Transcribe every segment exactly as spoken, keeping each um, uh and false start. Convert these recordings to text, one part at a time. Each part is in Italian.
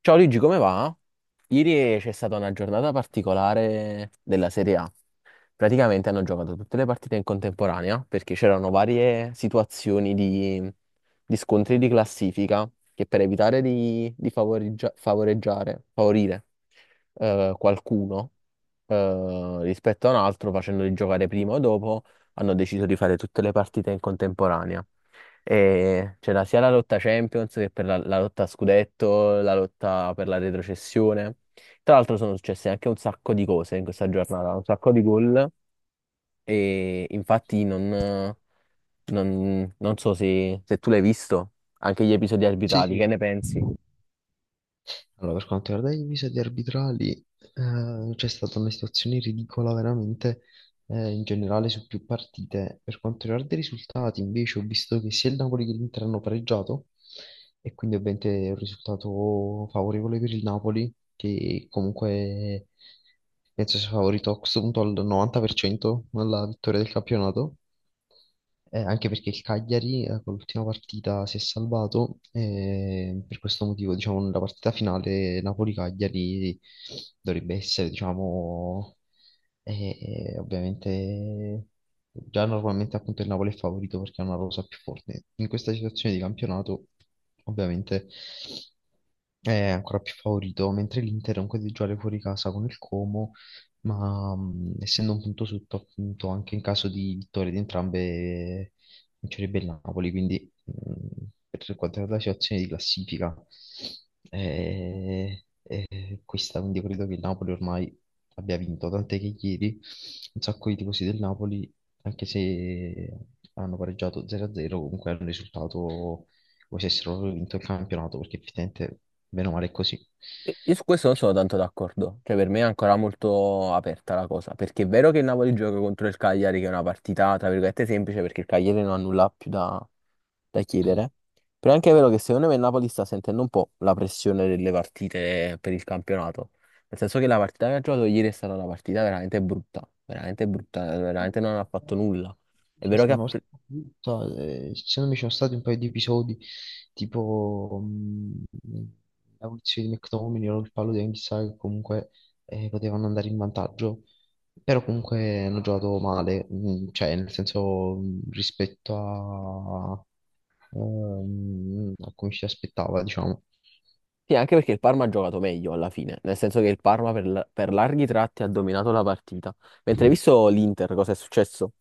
Ciao Luigi, come va? Ieri c'è stata una giornata particolare della Serie A. Praticamente hanno giocato tutte le partite in contemporanea perché c'erano varie situazioni di, di scontri di classifica che per evitare di, di favoreggia- favoreggiare, favorire eh, qualcuno eh, rispetto a un altro, facendoli giocare prima o dopo, hanno deciso di fare tutte le partite in contemporanea. E c'era sia la lotta Champions che per la, la lotta a scudetto, la lotta per la retrocessione. Tra l'altro sono successe anche un sacco di cose in questa giornata, un sacco di gol e infatti non, non- non so se, se tu l'hai visto, anche gli episodi Sì, arbitrali, che sì. ne pensi? Allora, per quanto riguarda gli episodi arbitrali, eh, c'è stata una situazione ridicola veramente eh, in generale su più partite. Per quanto riguarda i risultati, invece, ho visto che sia il Napoli che l'Inter hanno pareggiato e quindi ovviamente è un risultato favorevole per il Napoli, che comunque penso sia favorito a questo punto al novanta per cento alla vittoria del campionato. Eh, anche perché il Cagliari eh, con l'ultima partita si è salvato e per questo motivo, diciamo, nella partita finale Napoli-Cagliari dovrebbe essere, diciamo, eh, ovviamente già normalmente appunto il Napoli è favorito perché ha una rosa più forte. In questa situazione di campionato, ovviamente è ancora più favorito, mentre l'Inter è un po' di giocare fuori casa con il Como ma mh, essendo un punto sotto, appunto, anche in caso di vittoria di entrambe vincerebbe il Napoli, quindi mh, per quanto riguarda la situazione di classifica è, è questa, quindi credo che il Napoli ormai abbia vinto, tant'è che ieri un sacco di tifosi del Napoli, anche se hanno pareggiato zero a zero, comunque è un risultato come se avessero vinto il campionato, perché effettivamente, bene o male, è così. Io su questo non sono tanto d'accordo, cioè per me è ancora molto aperta la cosa, perché è vero che il Napoli gioca contro il Cagliari, che è una partita tra virgolette semplice, perché il Cagliari non ha nulla più da, da chiedere, però è anche vero che secondo me il Napoli sta sentendo un po' la pressione delle partite per il campionato, nel senso che la partita che ha giocato ieri è stata una partita veramente brutta, veramente brutta, No, veramente non ha fatto no. nulla. È Sì, vero che ha sono pre- stato- eh, ci sono, mi sono stati un paio di episodi tipo mh, la punizione di McTominay o il fallo di Anguissa che comunque eh, potevano andare in vantaggio però comunque hanno giocato male mh, cioè nel senso mh, rispetto a, ehm, a come ci si aspettava diciamo. Sì, anche perché il Parma ha giocato meglio alla fine, nel senso che il Parma per, la- per larghi tratti ha dominato la partita. Mentre hai visto l'Inter, cosa è successo?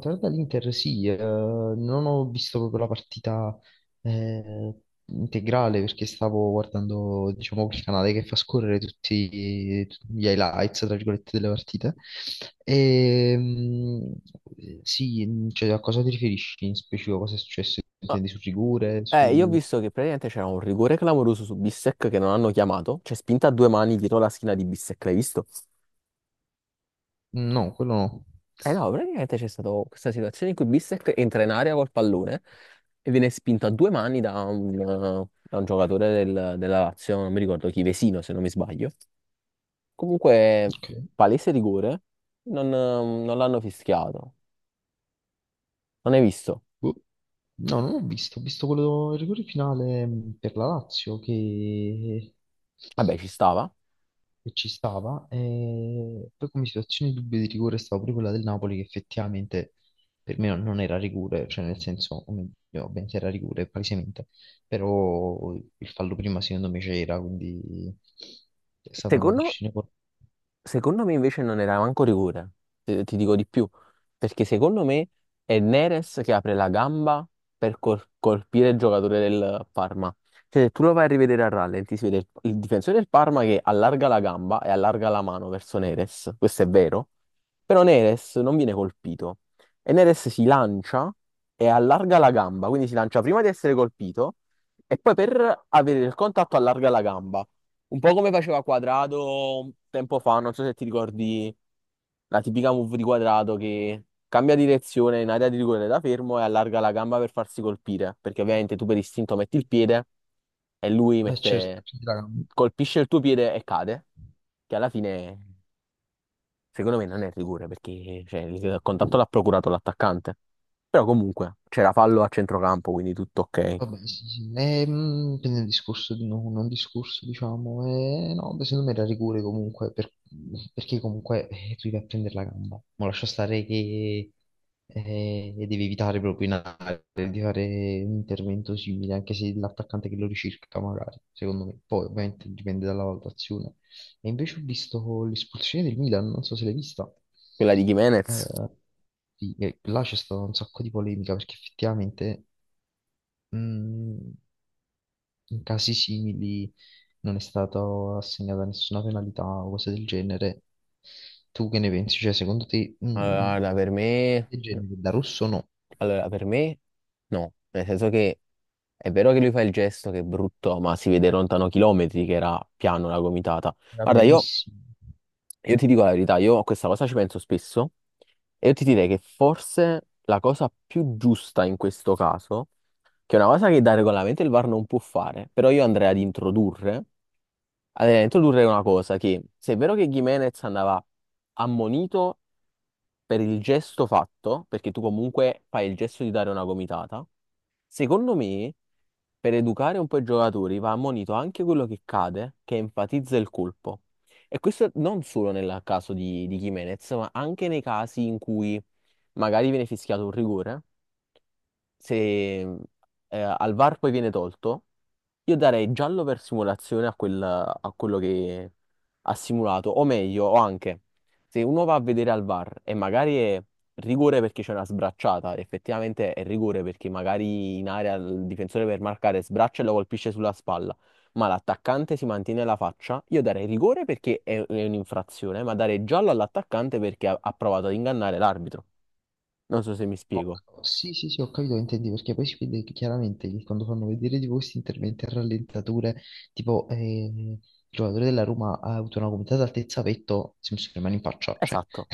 Tornando all'Inter, sì, eh, non ho visto proprio la partita eh, integrale perché stavo guardando, diciamo, quel canale che fa scorrere tutti, tutti gli highlights, tra virgolette, delle partite. E, mm, sì, cioè, a cosa ti riferisci in specifico? Cosa è successo? Ah, Intendi su rigore? eh, io ho Su... visto che praticamente c'era un rigore clamoroso su Bissek che non hanno chiamato, cioè spinta a due mani dietro la schiena di Bissek, l'hai visto? No, quello no. Eh no, praticamente c'è stata questa situazione in cui Bissek entra in area col pallone e viene spinto a due mani da un, eh, da un giocatore del- della Lazio, non mi ricordo chi, Vesino se non mi sbaglio. Comunque, Ok. palese rigore, non eh, non l'hanno fischiato. Non hai visto? Boh. No, non ho visto, ho visto quello, il rigore finale mh, per la Lazio che Vabbè, ci stava. che ci stava. E poi come situazione di dubbio di rigore stava pure quella del Napoli che effettivamente per me non era rigore, cioè nel senso, o meglio, beh, se era rigore palesemente, però il fallo prima secondo me c'era, quindi è stata una Secondo, decisione... cor- secondo me invece non era manco rigore, te- ti dico di più, perché secondo me è Neres che apre la gamba per col- colpire il giocatore del Parma. Cioè, se tu lo vai a rivedere a rallenti, si vede il, il difensore del Parma che allarga la gamba e allarga la mano verso Neres, questo è vero, però Neres non viene colpito e Neres si lancia e allarga la gamba, quindi si lancia prima di essere colpito e poi per avere il contatto allarga la gamba. Un po' come faceva Quadrato un tempo fa, non so se ti ricordi la tipica move di Quadrato che cambia direzione in area di rigore da fermo e allarga la gamba per farsi colpire, perché ovviamente tu per istinto metti il piede e lui Eh, certo, mette- ci sarà. colpisce il tuo piede e cade, che alla fine secondo me non è rigore perché cioè, il contatto l'ha procurato l'attaccante. Però comunque c'era fallo a centrocampo, quindi tutto ok. Vabbè, sì, sì. Ehm, quindi un discorso di no- non discorso, diciamo, eh, no, beh, secondo me era rigore comunque, per- perché comunque eh, tu devi a prendere la gamba. Ma lascia stare che eh, devi evitare proprio in area di fare un intervento simile, anche se l'attaccante che lo ricirca magari, secondo me. Poi ovviamente dipende dalla valutazione. E invece ho visto l'espulsione del Milan, non so se l'hai vista. Quella di Jimenez, Eh, sì, e là c'è stata un sacco di polemica perché effettivamente... mm, in casi simili non è stata assegnata nessuna penalità o cose del genere. Tu che ne pensi? Cioè, secondo te, allora, mh, guarda, per cose me... del no, genere da rosso o no? allora, per me... No, nel senso che è vero che lui fa il gesto che è brutto, ma si vede lontano chilometri che era piano la gomitata. Era Guarda, io, pianissimo. io ti dico la verità, io a questa cosa ci penso spesso e io ti direi che forse la cosa più giusta in questo caso, che è una cosa che da regolamento il V A R non può fare, però io andrei ad introdurre, andrei ad introdurre una cosa che se è vero che Gimenez andava ammonito per il gesto fatto, perché tu comunque fai il gesto di dare una gomitata, secondo me, per educare un po' i giocatori va ammonito anche quello che cade, che enfatizza il colpo. E questo non solo nel caso di, di Jimenez, ma anche nei casi in cui magari viene fischiato un rigore se eh, al V A R poi viene tolto, io darei giallo per simulazione a, quel- a quello che ha simulato, o meglio, o anche se uno va a vedere al V A R e magari è rigore perché c'è una sbracciata, effettivamente è rigore perché magari in area il difensore per marcare sbraccia e lo colpisce sulla spalla. Ma l'attaccante si mantiene la faccia, io darei rigore perché è è un'infrazione, ma darei giallo all'attaccante perché ha ha provato ad ingannare l'arbitro. Non so se mi Ho spiego. ca- sì, sì, sì, ho capito che intendi, perché poi si vede che chiaramente che quando fanno vedere tipo questi interventi a rallentatore, tipo eh, il giocatore della Roma ha avuto una gomitata altezza petto, Simpson rimane in faccia, cioè. Esatto.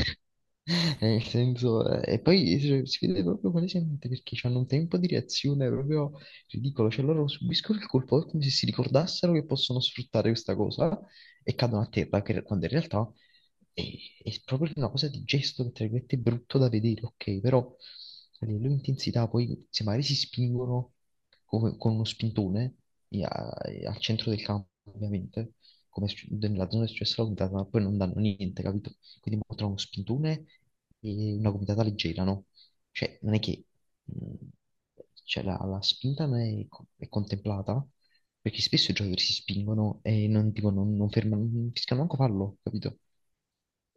Eh, Nel senso, eh, e poi cioè, si vede proprio palesemente perché hanno un tempo di reazione proprio ridicolo, cioè loro subiscono il colpo come se si ricordassero che possono sfruttare questa cosa e cadono a terra, che- quando in realtà è, è proprio una cosa di gesto, che tra virgolette, è brutto da vedere, ok, però a livello di intensità poi se magari si spingono come- con uno spintone e a- e al centro del campo, ovviamente, come sc- nella zona di successo la guidata, ma poi non danno niente, capito? Quindi mo tra uno spintone e una guidata leggera, no? Cioè, non è che mh, cioè, la, la spinta non è, co- è contemplata, perché spesso i giocatori si spingono e non, tipo, non, non fermano, non fischiano manco fallo, capito?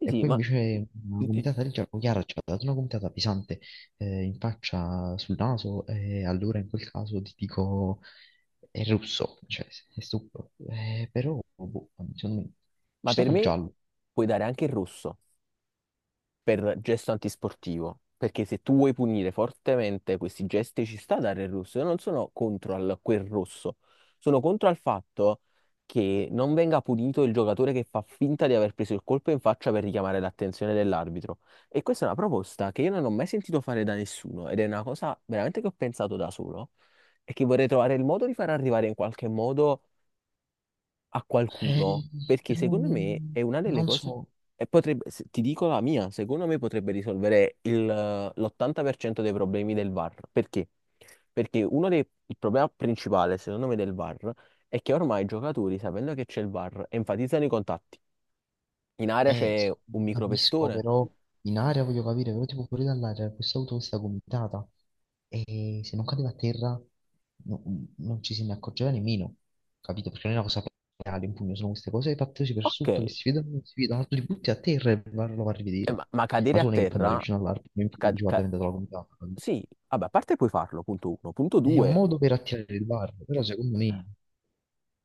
Sì, sì, poi ma invece una gomitata del gioco, chiaro, ci ha dato una gomitata pesante eh, in faccia, sul naso, e allora in quel caso ti dico, è russo, cioè è stupido. Eh, però boh, secondo me ci Ma per stava il me giallo. puoi dare anche il rosso per gesto antisportivo, perché se tu vuoi punire fortemente questi gesti ci sta a dare il rosso. Io non sono contro al- quel rosso, sono contro al fatto che non venga punito il giocatore che fa finta di aver preso il colpo in faccia per richiamare l'attenzione dell'arbitro. E questa è una proposta che io non ho mai sentito fare da nessuno ed è una cosa veramente che ho pensato da solo e che vorrei trovare il modo di far arrivare in qualche modo a qualcuno, Eh, perché però secondo me non, è una delle non cose, so. e potrebbe, se- ti dico la mia, secondo me potrebbe risolvere il, eh, l'ottanta per cento dei problemi del V A R. Perché? Perché uno dei, il problema principale, secondo me, del V A R è che ormai i giocatori, sapendo che c'è il V A R, enfatizzano i contatti. In area Eh, c'è un lo capisco, micropestone. però in aria voglio capire, però tipo fuori dall'aria questa auto questa gomitata e se non cadeva a terra no- non ci se ne accorgeva nemmeno, capito? Perché non è una cosa reale, un pugno, sono queste cose fatte così per Ok, sotto che eh, si vedono, non si vedono, tu li butti a terra e va- lo va a rivedere. ma, ma Ma cadere tu a non è che puoi andare terra... vicino all'albero e ca- dici guarda è ca- diventata la gomitata. Capito? sì, vabbè, a parte puoi farlo, punto uno. Punto È un due, modo per attirare il bar, però secondo me,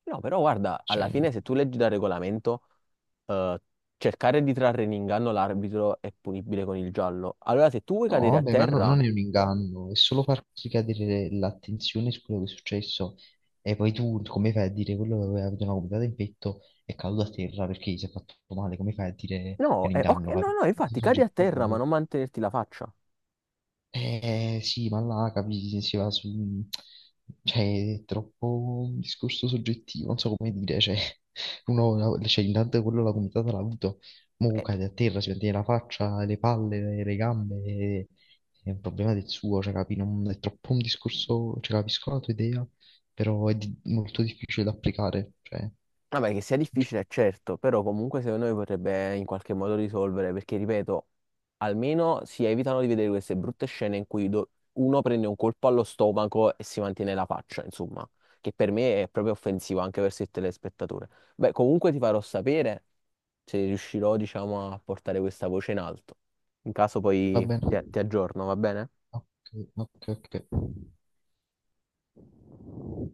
no, però guarda, cioè, alla no. fine se tu leggi dal regolamento, eh, cercare di trarre in inganno l'arbitro è punibile con il giallo. Allora se tu vuoi No, cadere a vabbè, ma no- terra, non è un inganno, è solo far ricadere l'attenzione su quello che è successo e poi tu come fai a dire quello che aveva avuto una gomitata in petto è caduto a terra perché gli si è fatto male, come fai a dire che è no, un eh, ok, inganno? cap- no, no, Una cosa infatti cadi a soggettiva, terra ma poi. non mantenerti la faccia. Eh sì, ma là capisci, si va su... Cioè, è troppo un discorso soggettivo, non so come dire, cioè, uno, cioè, intanto quello la comitata l'ha avuto, mo cade a terra, si mette la faccia, le palle, le, le gambe, e- è un problema del suo, cioè, capi, non, è troppo un discorso, cioè, capisco la tua idea, però è di- molto difficile da applicare, cioè, Vabbè, che sia difficile, è certo, però comunque secondo me potrebbe in qualche modo risolvere, perché ripeto, almeno si evitano di vedere queste brutte scene in cui do- uno prende un colpo allo stomaco e si mantiene la faccia, insomma, che per me è proprio offensivo anche verso il telespettatore. Beh, comunque ti farò sapere se riuscirò, diciamo, a portare questa voce in alto. In caso va poi bene, ti ti aggiorno, va bene? ok, ok, ok.